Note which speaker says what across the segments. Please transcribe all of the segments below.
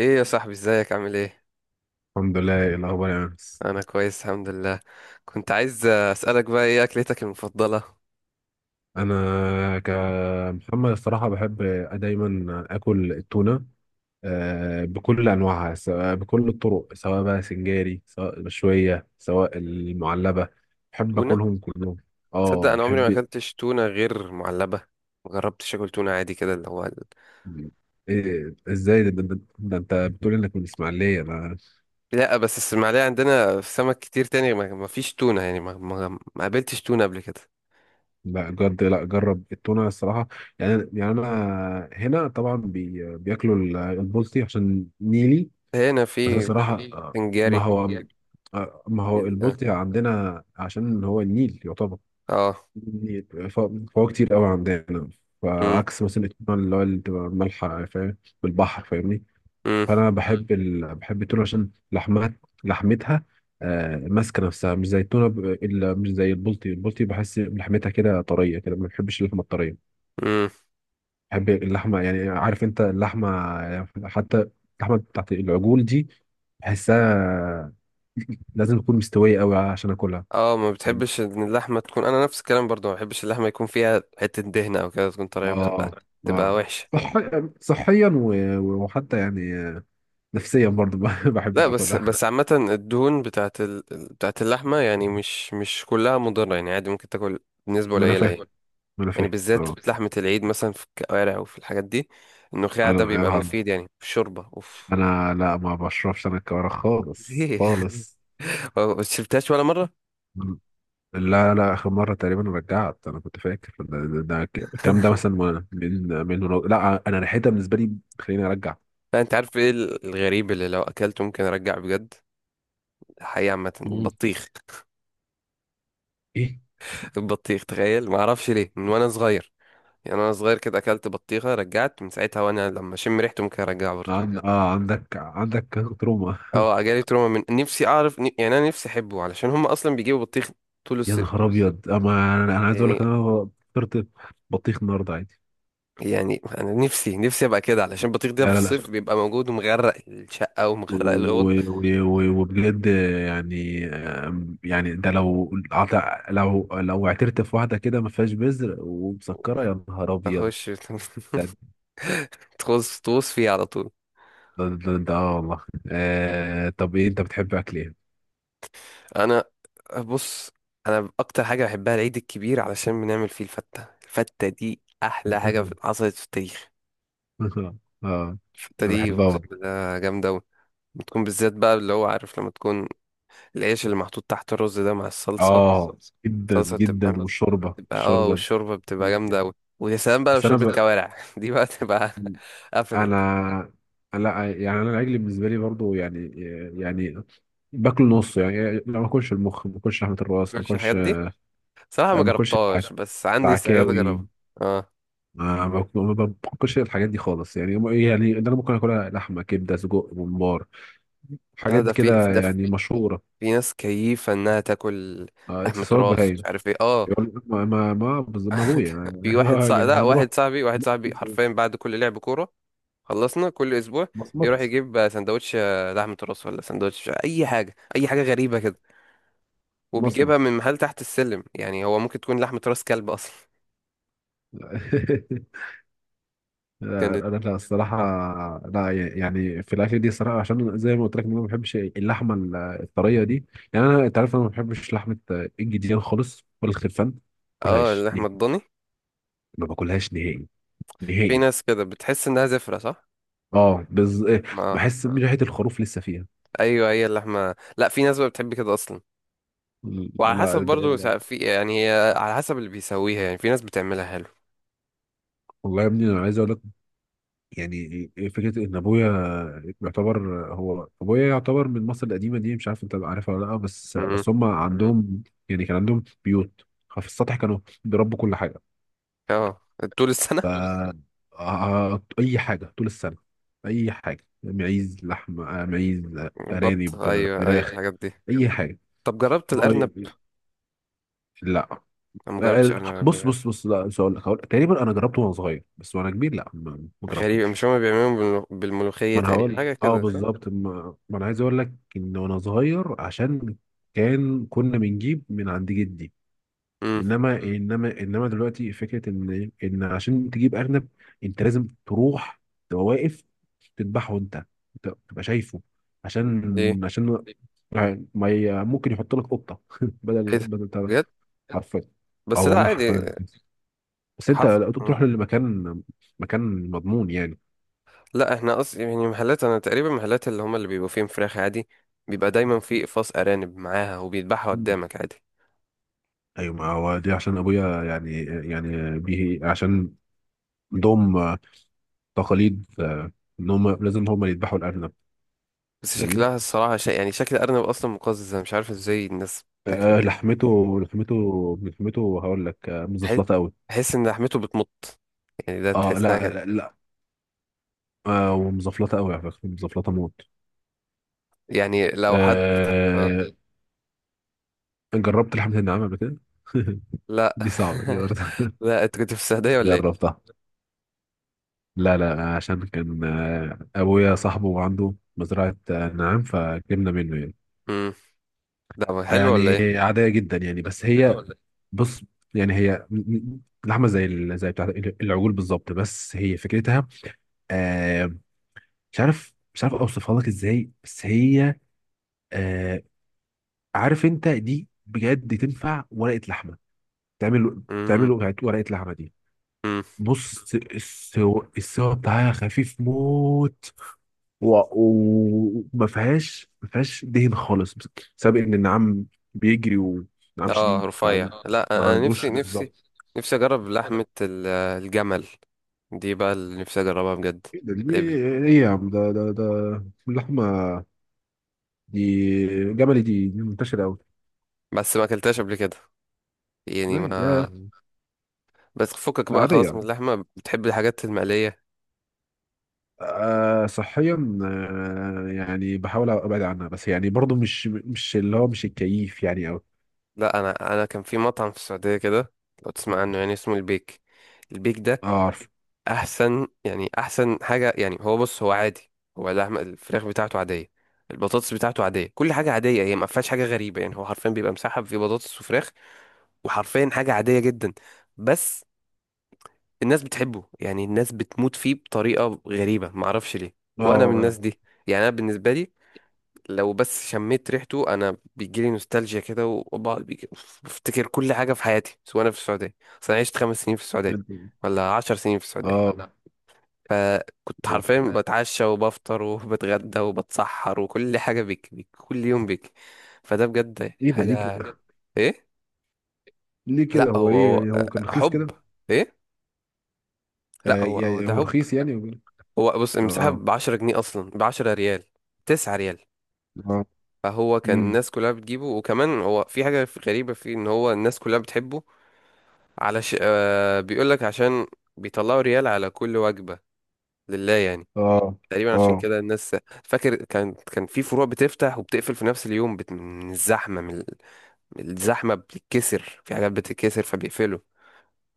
Speaker 1: ايه يا صاحبي، ازيك؟ عامل ايه؟
Speaker 2: الحمد لله. إيه الاخبار يا انس؟
Speaker 1: انا كويس الحمد لله. كنت عايز اسالك بقى، ايه اكلتك المفضله؟
Speaker 2: انا كمحمد الصراحه بحب دايما اكل التونه. بكل انواعها، سواء بكل الطرق، سواء بقى سنجاري، سواء مشويه، سواء المعلبه. بحب
Speaker 1: تونه؟
Speaker 2: اكلهم كلهم.
Speaker 1: تصدق
Speaker 2: اه،
Speaker 1: انا عمري ما
Speaker 2: بحب.
Speaker 1: اكلتش تونه غير معلبه. ما جربتش اكل تونه عادي كده، اللي هو
Speaker 2: إيه، ازاي ده انت بتقول انك من اسماعيليه؟ انا
Speaker 1: لا بس الاسماعيليه عندنا في سمك كتير تاني، ما فيش تونه يعني ما قابلتش تونه قبل كده.
Speaker 2: لا جد، لا جرب التونه الصراحه. يعني انا هنا طبعا بياكلوا البلطي عشان نيلي.
Speaker 1: هنا
Speaker 2: بس أنا
Speaker 1: في
Speaker 2: الصراحة،
Speaker 1: وفي
Speaker 2: ما
Speaker 1: سنجاري.
Speaker 2: هو، ما هو
Speaker 1: ال-
Speaker 2: البلطي عندنا عشان هو النيل يعتبر،
Speaker 1: اه.
Speaker 2: النيل فهو كتير قوي عندنا.
Speaker 1: امم
Speaker 2: فعكس مثلا التونة اللي بتبقى مالحة، فاهم، بالبحر، فاهمني.
Speaker 1: امم
Speaker 2: فأنا بحب بحب التونة عشان لحمها، لحمتها، ماسكة نفسها، مش زي التونة مش زي البلطي بحس لحمتها كده طرية، كده ما بحبش اللحمة الطرية.
Speaker 1: امم
Speaker 2: بحب اللحمه، يعني عارف انت اللحمه، يعني حتى اللحمه بتاعت العجول دي، بحسها لازم تكون مستويه قوي عشان اكلها.
Speaker 1: اه، ما
Speaker 2: فاهم.
Speaker 1: بتحبش ان اللحمه تكون، انا نفس الكلام برضو ما بحبش اللحمه يكون فيها حته دهنه او كده تكون طريه،
Speaker 2: اه.
Speaker 1: بتبقى تبقى
Speaker 2: اه،
Speaker 1: وحشه.
Speaker 2: صح... صحيا و... وحتى يعني نفسيا برضو، ما بحبش
Speaker 1: لا بس
Speaker 2: اكلها.
Speaker 1: عامة الدهون بتاعت بتاعت اللحمة يعني مش كلها مضرة، يعني عادي ممكن تاكل بنسبة
Speaker 2: ما انا
Speaker 1: قليلة
Speaker 2: فاهم،
Speaker 1: يعني.
Speaker 2: ما انا
Speaker 1: يعني
Speaker 2: فاهم،
Speaker 1: بالذات
Speaker 2: اه.
Speaker 1: في لحمة العيد مثلا في الكوارع وفي الحاجات دي، النخاع
Speaker 2: انا
Speaker 1: ده بيبقى
Speaker 2: انا
Speaker 1: مفيد يعني في الشوربة، اوف.
Speaker 2: انا لا، ما بشربش انا الكوارع خالص
Speaker 1: ليه؟
Speaker 2: خالص.
Speaker 1: ما شربتهاش ولا مرة؟
Speaker 2: لا لا، اخر مره تقريبا رجعت. انا كنت فاكر الكلام ده مثلا، من لا، انا ريحتها بالنسبه لي بتخليني ارجع.
Speaker 1: لا انت عارف ايه الغريب اللي لو اكلته ممكن ارجع بجد؟ الحقيقة عامة البطيخ.
Speaker 2: ايه؟
Speaker 1: البطيخ، تخيل ما اعرفش ليه، من وانا صغير يعني. انا صغير كده اكلت بطيخة، رجعت من ساعتها، وانا لما اشم ريحته ممكن ارجعها برضه.
Speaker 2: عن... اه عندك تروما.
Speaker 1: اه جالي تروما من نفسي، اعرف يعني انا نفسي احبه علشان هم اصلا بيجيبوا بطيخ طول
Speaker 2: يا
Speaker 1: الصيف
Speaker 2: نهار ابيض، اما أنا عايز اقول
Speaker 1: يعني.
Speaker 2: لك، انا فطرت بطيخ النهارده عادي.
Speaker 1: يعني انا نفسي ابقى كده علشان البطيخ ده
Speaker 2: لا
Speaker 1: في
Speaker 2: لا
Speaker 1: الصيف
Speaker 2: لا،
Speaker 1: بيبقى موجود ومغرق الشقه ومغرق
Speaker 2: و-
Speaker 1: الاوض.
Speaker 2: و- و- وبجد، يعني يعني ده لو لو اعترت في واحده كده ما فيهاش بذر ومسكره، يا نهار ابيض.
Speaker 1: اخش تغوص تغوص فيه على طول.
Speaker 2: ده ده ده اه والله. طب، ايه انت بتحب اكل ايه؟
Speaker 1: انا بص، انا اكتر حاجه بحبها العيد الكبير علشان بنعمل فيه الفته. الفته دي احلى حاجه حصلت في التاريخ.
Speaker 2: اه،
Speaker 1: الفته
Speaker 2: انا
Speaker 1: دي
Speaker 2: بحبها
Speaker 1: اقسم
Speaker 2: برضه.
Speaker 1: بالله جامده أوي. بتكون بالذات بقى، اللي هو عارف لما تكون العيش اللي محطوط تحت الرز ده مع الصلصه،
Speaker 2: اه، جدا
Speaker 1: صلصة
Speaker 2: جدا،
Speaker 1: بتبقى
Speaker 2: والشوربه،
Speaker 1: تبقى اه،
Speaker 2: الشوربه
Speaker 1: والشوربة بتبقى
Speaker 2: دي
Speaker 1: جامدة
Speaker 2: جداً.
Speaker 1: أوي. ويا سلام بقى لو
Speaker 2: بس انا
Speaker 1: شوربة
Speaker 2: ب...
Speaker 1: كوارع، دي بقى تبقى قفلت.
Speaker 2: انا، لا، يعني انا العجل بالنسبه لي برضه، يعني، يعني باكل نص، يعني لا ما اكلش المخ، ما اكلش لحمه
Speaker 1: ما
Speaker 2: الراس، ما
Speaker 1: تاكلش الحاجات
Speaker 2: اكلش،
Speaker 1: دي، صراحة ما
Speaker 2: ما اكلش
Speaker 1: جربتهاش بس عندي استعداد أجربها.
Speaker 2: العكاوي.
Speaker 1: اه،
Speaker 2: ما باكلش الحاجات دي خالص، يعني يعني اللي انا ممكن اكلها لحمه، كبده، سجق، ممبار،
Speaker 1: لا
Speaker 2: حاجات
Speaker 1: ده في
Speaker 2: كده
Speaker 1: ده،
Speaker 2: يعني مشهوره.
Speaker 1: في ناس كيفة إنها تاكل لحمة
Speaker 2: اكسسوارات
Speaker 1: راس مش
Speaker 2: بهايل.
Speaker 1: عارف ايه، اه.
Speaker 2: يقول لك ما ما ما بز- ما ابويا
Speaker 1: في واحد صاحبي،
Speaker 2: يعني
Speaker 1: لا
Speaker 2: هنروح.
Speaker 1: واحد صاحبي واحد صاحبي حرفيا بعد كل لعب كورة، خلصنا كل أسبوع يروح
Speaker 2: مصمت.
Speaker 1: يجيب سندوتش آه، لحمة راس ولا سندوتش أي حاجة، أي حاجة غريبة كده. وبيجيبها
Speaker 2: مصمت.
Speaker 1: من محل تحت السلم، يعني هو ممكن تكون لحمة راس كلب أصلا.
Speaker 2: لا
Speaker 1: كان
Speaker 2: لا لا، الصراحة، لا يعني في الأكل دي الصراحة، عشان زي ما قلت لك إن أنا ما بحبش اللحمة الطرية دي، يعني أنت عارف أنا ما بحبش لحمة الجديان خالص، ولا الخرفان، ما
Speaker 1: اه
Speaker 2: باكلهاش
Speaker 1: اللحمة
Speaker 2: نهائي،
Speaker 1: الضاني،
Speaker 2: ما باكلهاش نهائي،
Speaker 1: في
Speaker 2: نهائي.
Speaker 1: ناس كده بتحس انها زفرة صح.
Speaker 2: أه بز...
Speaker 1: ما
Speaker 2: بحس إن ريحة الخروف لسه فيها.
Speaker 1: ايوه، هي اللحمة لا، في ناس بقى بتحب كده اصلا. وعلى حسب
Speaker 2: لا،
Speaker 1: برضو
Speaker 2: ده
Speaker 1: في يعني، هي على حسب اللي بيسويها يعني، في ناس بتعملها حلو.
Speaker 2: والله يا ابني، أنا عايز أقول لك، يعني فكره ان ابويا يعتبر، هو ابويا يعتبر من مصر القديمه دي، مش عارف انت عارفها ولا لا، بس
Speaker 1: امم،
Speaker 2: بس هم عندهم، يعني كان عندهم بيوت في السطح، كانوا بيربوا كل حاجه،
Speaker 1: اه طول
Speaker 2: ف
Speaker 1: السنة.
Speaker 2: طول السنة، اي حاجه طول السنه، اي حاجه، معيز لحم، معيز،
Speaker 1: بط،
Speaker 2: ارانب،
Speaker 1: ايوه ايوه
Speaker 2: فراخ.
Speaker 1: الحاجات دي.
Speaker 2: أيوة، اي جامد حاجه.
Speaker 1: طب جربت
Speaker 2: ما هو
Speaker 1: الارنب؟
Speaker 2: يعني- لا،
Speaker 1: أنا ما جربتش
Speaker 2: لا.
Speaker 1: ارنب قبل
Speaker 2: بص
Speaker 1: كده.
Speaker 2: بص بص، لا مش هقول لك، تقريبا انا جربته وانا صغير، بس وانا كبير لا، ما، ما
Speaker 1: غريب،
Speaker 2: جربتوش.
Speaker 1: مش هما بيعملوهم بالملوخية
Speaker 2: ما انا
Speaker 1: تقريبا
Speaker 2: هقول لك، زي،
Speaker 1: حاجة
Speaker 2: زي
Speaker 1: كده، صح؟
Speaker 2: بالظبط، ما انا عايز اقول لك ان وانا صغير، عشان كان كنا بنجيب من عند جدي،
Speaker 1: امم،
Speaker 2: انما انما دلوقتي فكره ان عشان تجيب ارنب، انت لازم تروح، تبقى واقف، تذبحه انت، أنت تبقى شايفه،
Speaker 1: ليه؟
Speaker 2: عشان يعني ما ي- ممكن يحط لك قطه بدل
Speaker 1: ايه ده؟
Speaker 2: بدل بتاع ده.
Speaker 1: بجد؟
Speaker 2: حرفيا، اه
Speaker 1: بس لا
Speaker 2: والله
Speaker 1: عادي،
Speaker 2: حرفيا، بس انت
Speaker 1: حصل.
Speaker 2: بتروح لمكان، مكان مضمون يعني.
Speaker 1: لا احنا قصدي يعني محلات، انا تقريبا محلات اللي هم اللي بيبقوا فيهم فراخ عادي، بيبقى دايما في اقفاص ارانب معاها وبيذبحها قدامك عادي.
Speaker 2: ايوه، ما هو دي عشان ابويا يعني، يعني به عشان عندهم تقاليد، ان هم لازم هم اللي يذبحوا الارنب.
Speaker 1: بس
Speaker 2: فاهمني.
Speaker 1: شكلها الصراحه شيء، يعني شكل الارنب اصلا مقزز، انا مش عارف ازاي الناس بتاكله بجد.
Speaker 2: لحمته، لحمته هقول لك
Speaker 1: تح-
Speaker 2: مزفلطه قوي.
Speaker 1: تحس ان لحمته بتمط، يعني ده
Speaker 2: اه
Speaker 1: تحسها
Speaker 2: لا
Speaker 1: كده.
Speaker 2: لا, لا. ومزفلطه قوي على فكره، مزفلطه موت.
Speaker 1: يعني لو حد آه.
Speaker 2: آه جربت لحمه النعام قبل كده؟
Speaker 1: لا.
Speaker 2: دي صعبه، دي برضه.
Speaker 1: لا انت كنت في السعوديه ولا ايه؟
Speaker 2: جربتها. لا لا، عشان كان، ابويا صاحبه عنده مزرعه، نعام، فجبنا منه يعني.
Speaker 1: امم، ده حلو ولا
Speaker 2: يعني
Speaker 1: ايه؟
Speaker 2: عادية جدا يعني، بس كده هي ولا إيه؟ بص، يعني هي لحمة زي زي بتاع العجول بالظبط، بس هي فكرتها، آه مش عارف اوصفها لك ازاي، بس هي، آه عارف انت دي بجد تنفع ورقة لحمة، تعمل ورقة لحمة دي.
Speaker 1: امم،
Speaker 2: بص السوا بتاعها خفيف موت، وما فيهاش ما فيهاش دهن خالص، بسبب ان النعام بيجري، ونعام
Speaker 1: اه
Speaker 2: شديد، فما
Speaker 1: رفيع. لا انا، أنا
Speaker 2: عندوش
Speaker 1: نفسي
Speaker 2: بالظبط.
Speaker 1: نفسي اجرب لحمة الجمل، دي بقى اللي نفسي اجربها بجد.
Speaker 2: ايه ده؟ دي
Speaker 1: الابل،
Speaker 2: ايه يا عم؟ ده ده ده اللحمه دي جملي، دي منتشره قوي.
Speaker 1: بس ما اكلتهاش قبل كده يعني. ما
Speaker 2: لا يا-
Speaker 1: بس فكك
Speaker 2: لا
Speaker 1: بقى
Speaker 2: عاديه
Speaker 1: خلاص من
Speaker 2: يعني،
Speaker 1: اللحمة، بتحب الحاجات المقلية.
Speaker 2: صحيا، يعني بحاول ابعد عنها، بس يعني برضو مش اللي هو مش الكيف يعني قوي.
Speaker 1: لا انا، انا كان في مطعم في السعودية كده، لو تسمع عنه، يعني اسمه البيك. البيك ده
Speaker 2: اه. عارف.
Speaker 1: احسن يعني، احسن حاجة يعني. هو بص، هو عادي، هو اللحمة الفراخ بتاعته عادية، البطاطس بتاعته عادية، كل حاجة عادية. هي ما فيهاش حاجة غريبة يعني. هو حرفيا بيبقى مسحب في بطاطس وفراخ وحرفيا حاجة عادية جدا، بس الناس بتحبه يعني. الناس بتموت فيه بطريقة غريبة، معرفش ليه. وأنا من
Speaker 2: اه.
Speaker 1: الناس دي. يعني أنا بالنسبة لي، لو بس شميت ريحته أنا بيجيلي نوستالجيا كده وبقعد بفتكر كل حاجة في حياتي، سواء أنا في السعودية. أصل أنا عشت 5 سنين في السعودية، ولا 10 سنين في السعودية.
Speaker 2: اه.
Speaker 1: فكنت
Speaker 2: اه.
Speaker 1: حرفيا بتعشى وبفطر وبتغدى وبتسحر وكل حاجة بيك كل يوم بيك. فده بجد
Speaker 2: ايه ده، ليه
Speaker 1: حاجة.
Speaker 2: كده؟
Speaker 1: إيه؟
Speaker 2: ليه
Speaker 1: لأ
Speaker 2: كده، هو
Speaker 1: هو
Speaker 2: ايه
Speaker 1: هو
Speaker 2: يعني
Speaker 1: آه،
Speaker 2: هو كان رخيص
Speaker 1: حب.
Speaker 2: كده؟
Speaker 1: إيه؟ لا هو هو ده
Speaker 2: هو
Speaker 1: حب.
Speaker 2: رخيص يعني، وكده.
Speaker 1: هو بص، المساحة
Speaker 2: اه.
Speaker 1: ب 10 جنيه أصلا، ب 10 ريال، 9 ريال.
Speaker 2: اه.
Speaker 1: فهو كان
Speaker 2: امم.
Speaker 1: الناس كلها بتجيبه، وكمان هو في حاجة غريبة فيه إن هو الناس كلها بتحبه. علش آه، بيقول لك عشان بيطلعوا ريال على كل وجبة لله يعني،
Speaker 2: اه.
Speaker 1: تقريبا عشان
Speaker 2: اه.
Speaker 1: كده الناس. فاكر كان في فروع بتفتح وبتقفل في نفس اليوم، من الزحمة، من الزحمة بتتكسر، في حاجات بتتكسر فبيقفلوا.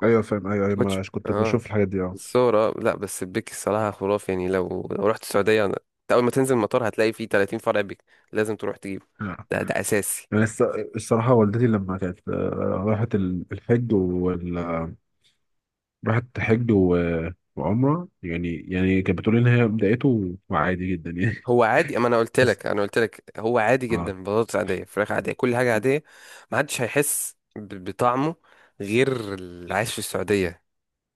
Speaker 2: ايوه فاهم، ايوه
Speaker 1: ما
Speaker 2: ايوه،
Speaker 1: كنتش،
Speaker 2: مش كنت
Speaker 1: اه
Speaker 2: بشوف الحاجات دي، اه.
Speaker 1: الصورة. لا بس البيك الصراحة خرافي، يعني لو رحت السعودية أنت أول ما تنزل المطار هتلاقي فيه 30 فرع بيك. لازم تروح تجيبه،
Speaker 2: آه.
Speaker 1: ده أساسي.
Speaker 2: يعني الصراحة والدتي لما كانت، راحت الحج وال آه، راحت حج وعمرة يعني كانت بتقول لي ان هي بدايته عادي جدا يعني.
Speaker 1: هو عادي، أما أنا قلت
Speaker 2: بس.
Speaker 1: لك، أنا قلت لك هو عادي
Speaker 2: اه.
Speaker 1: جدا، بطاطس عادية فراخ عادية كل حاجة عادية. ما حدش هيحس بطعمه غير اللي عايش في السعودية.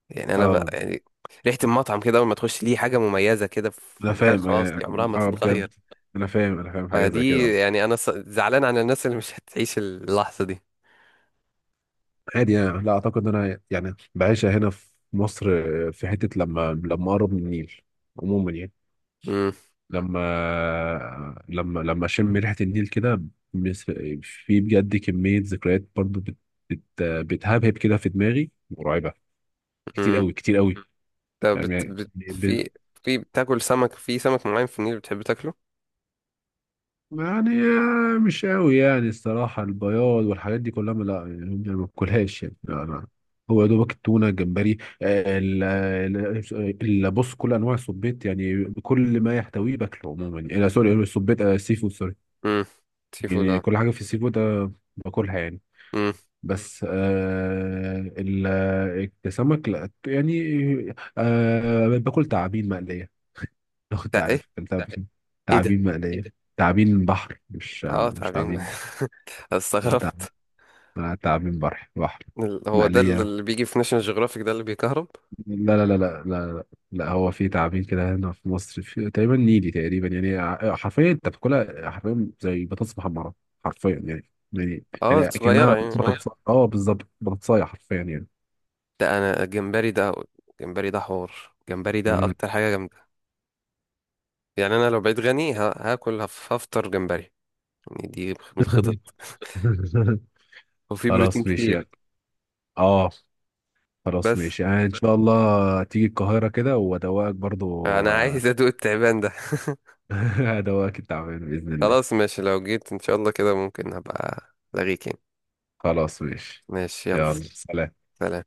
Speaker 1: يعني أنا بقى
Speaker 2: اه،
Speaker 1: يعني، ريحة المطعم كده أول ما تخش ليه حاجة مميزة كده في
Speaker 2: انا
Speaker 1: دماغك،
Speaker 2: فاهم
Speaker 1: خلاص
Speaker 2: يعني،
Speaker 1: دي عمرها ما
Speaker 2: اه
Speaker 1: تتغير.
Speaker 2: بجد، انا فاهم حاجة زي
Speaker 1: فدي
Speaker 2: كده،
Speaker 1: يعني أنا زعلان على الناس اللي مش هتعيش اللحظة دي.
Speaker 2: عادي يعني. لا اعتقد ان انا يعني بعيشها هنا في مصر، في حته لما اقرب من النيل عموما يعني،
Speaker 1: مم.
Speaker 2: لما اشم ريحه النيل كده. بس- في بجد كميه ذكريات برضو بت بت بتهبهب كده في دماغي مرعبه، كتير قوي كتير قوي،
Speaker 1: طب
Speaker 2: يعني
Speaker 1: في، في بتاكل سمك؟ في سمك معين في النيل بتحب تاكله؟
Speaker 2: يعني، مش قوي يعني الصراحة. البياض والحاجات دي كلها، لا يعني ما باكلهاش يعني، لا لا. هو يا دوبك التونة، الجمبري، بص كل أنواع السبيط، يعني كل ما يحتويه باكله عموما يعني، سوري، السبيط، السي فود، سوري.
Speaker 1: امم، سي فود
Speaker 2: يعني
Speaker 1: اه.
Speaker 2: كل حاجة في السي فود باكلها يعني.
Speaker 1: امم،
Speaker 2: بس السمك لا يعني، باكل تعابين مقلية. لو كنت
Speaker 1: ده ايه؟
Speaker 2: عارف، تعرف
Speaker 1: ايه ده؟
Speaker 2: تعابين مقلية، تعابين بحر، مش آه،
Speaker 1: اه،
Speaker 2: مش
Speaker 1: تعبين؟
Speaker 2: تعابين. لا تعب،
Speaker 1: استغربت.
Speaker 2: لا تعابين بحر بحر،
Speaker 1: هو ده
Speaker 2: مقلية.
Speaker 1: اللي بيجي في ناشونال جيوغرافيك ده اللي بيكهرب؟
Speaker 2: لا لا لا لا لا. لا هو في تعابين كده هنا في مصر، في تقريبا نيلي تقريبا، يعني حرفيا انت بتاكلها حرفيا زي بطاطس محمرة، حرفيا يعني، يعني
Speaker 1: اه
Speaker 2: يعني
Speaker 1: صغيرة
Speaker 2: كأنها
Speaker 1: يعني،
Speaker 2: صغير
Speaker 1: اه.
Speaker 2: بطاطس، اه بالظبط بطاطساية حرفيا يعني.
Speaker 1: ده انا الجمبري ده، الجمبري ده حوار، الجمبري ده
Speaker 2: مم.
Speaker 1: اكتر حاجة جامدة يعني. انا لو بقيت غني هاكل هفطر جمبري. يعني دي من الخطط، وفي بروتين
Speaker 2: خلاص ماشي
Speaker 1: كتير.
Speaker 2: يعني. اه. خلاص
Speaker 1: بس
Speaker 2: ماشي يعني، ان شاء الله تيجي القاهرة كده وادوقك برضو.
Speaker 1: انا
Speaker 2: آه،
Speaker 1: عايز ادوق التعبان ده.
Speaker 2: ادوقك التعابين بإذن
Speaker 1: خلاص
Speaker 2: الله.
Speaker 1: ماشي، لو جيت ان شاء الله كده ممكن هبقى لاغيك يعني.
Speaker 2: خلاص ماشي.
Speaker 1: ماشي يلا،
Speaker 2: يلا ماشي، سلام.
Speaker 1: سلام.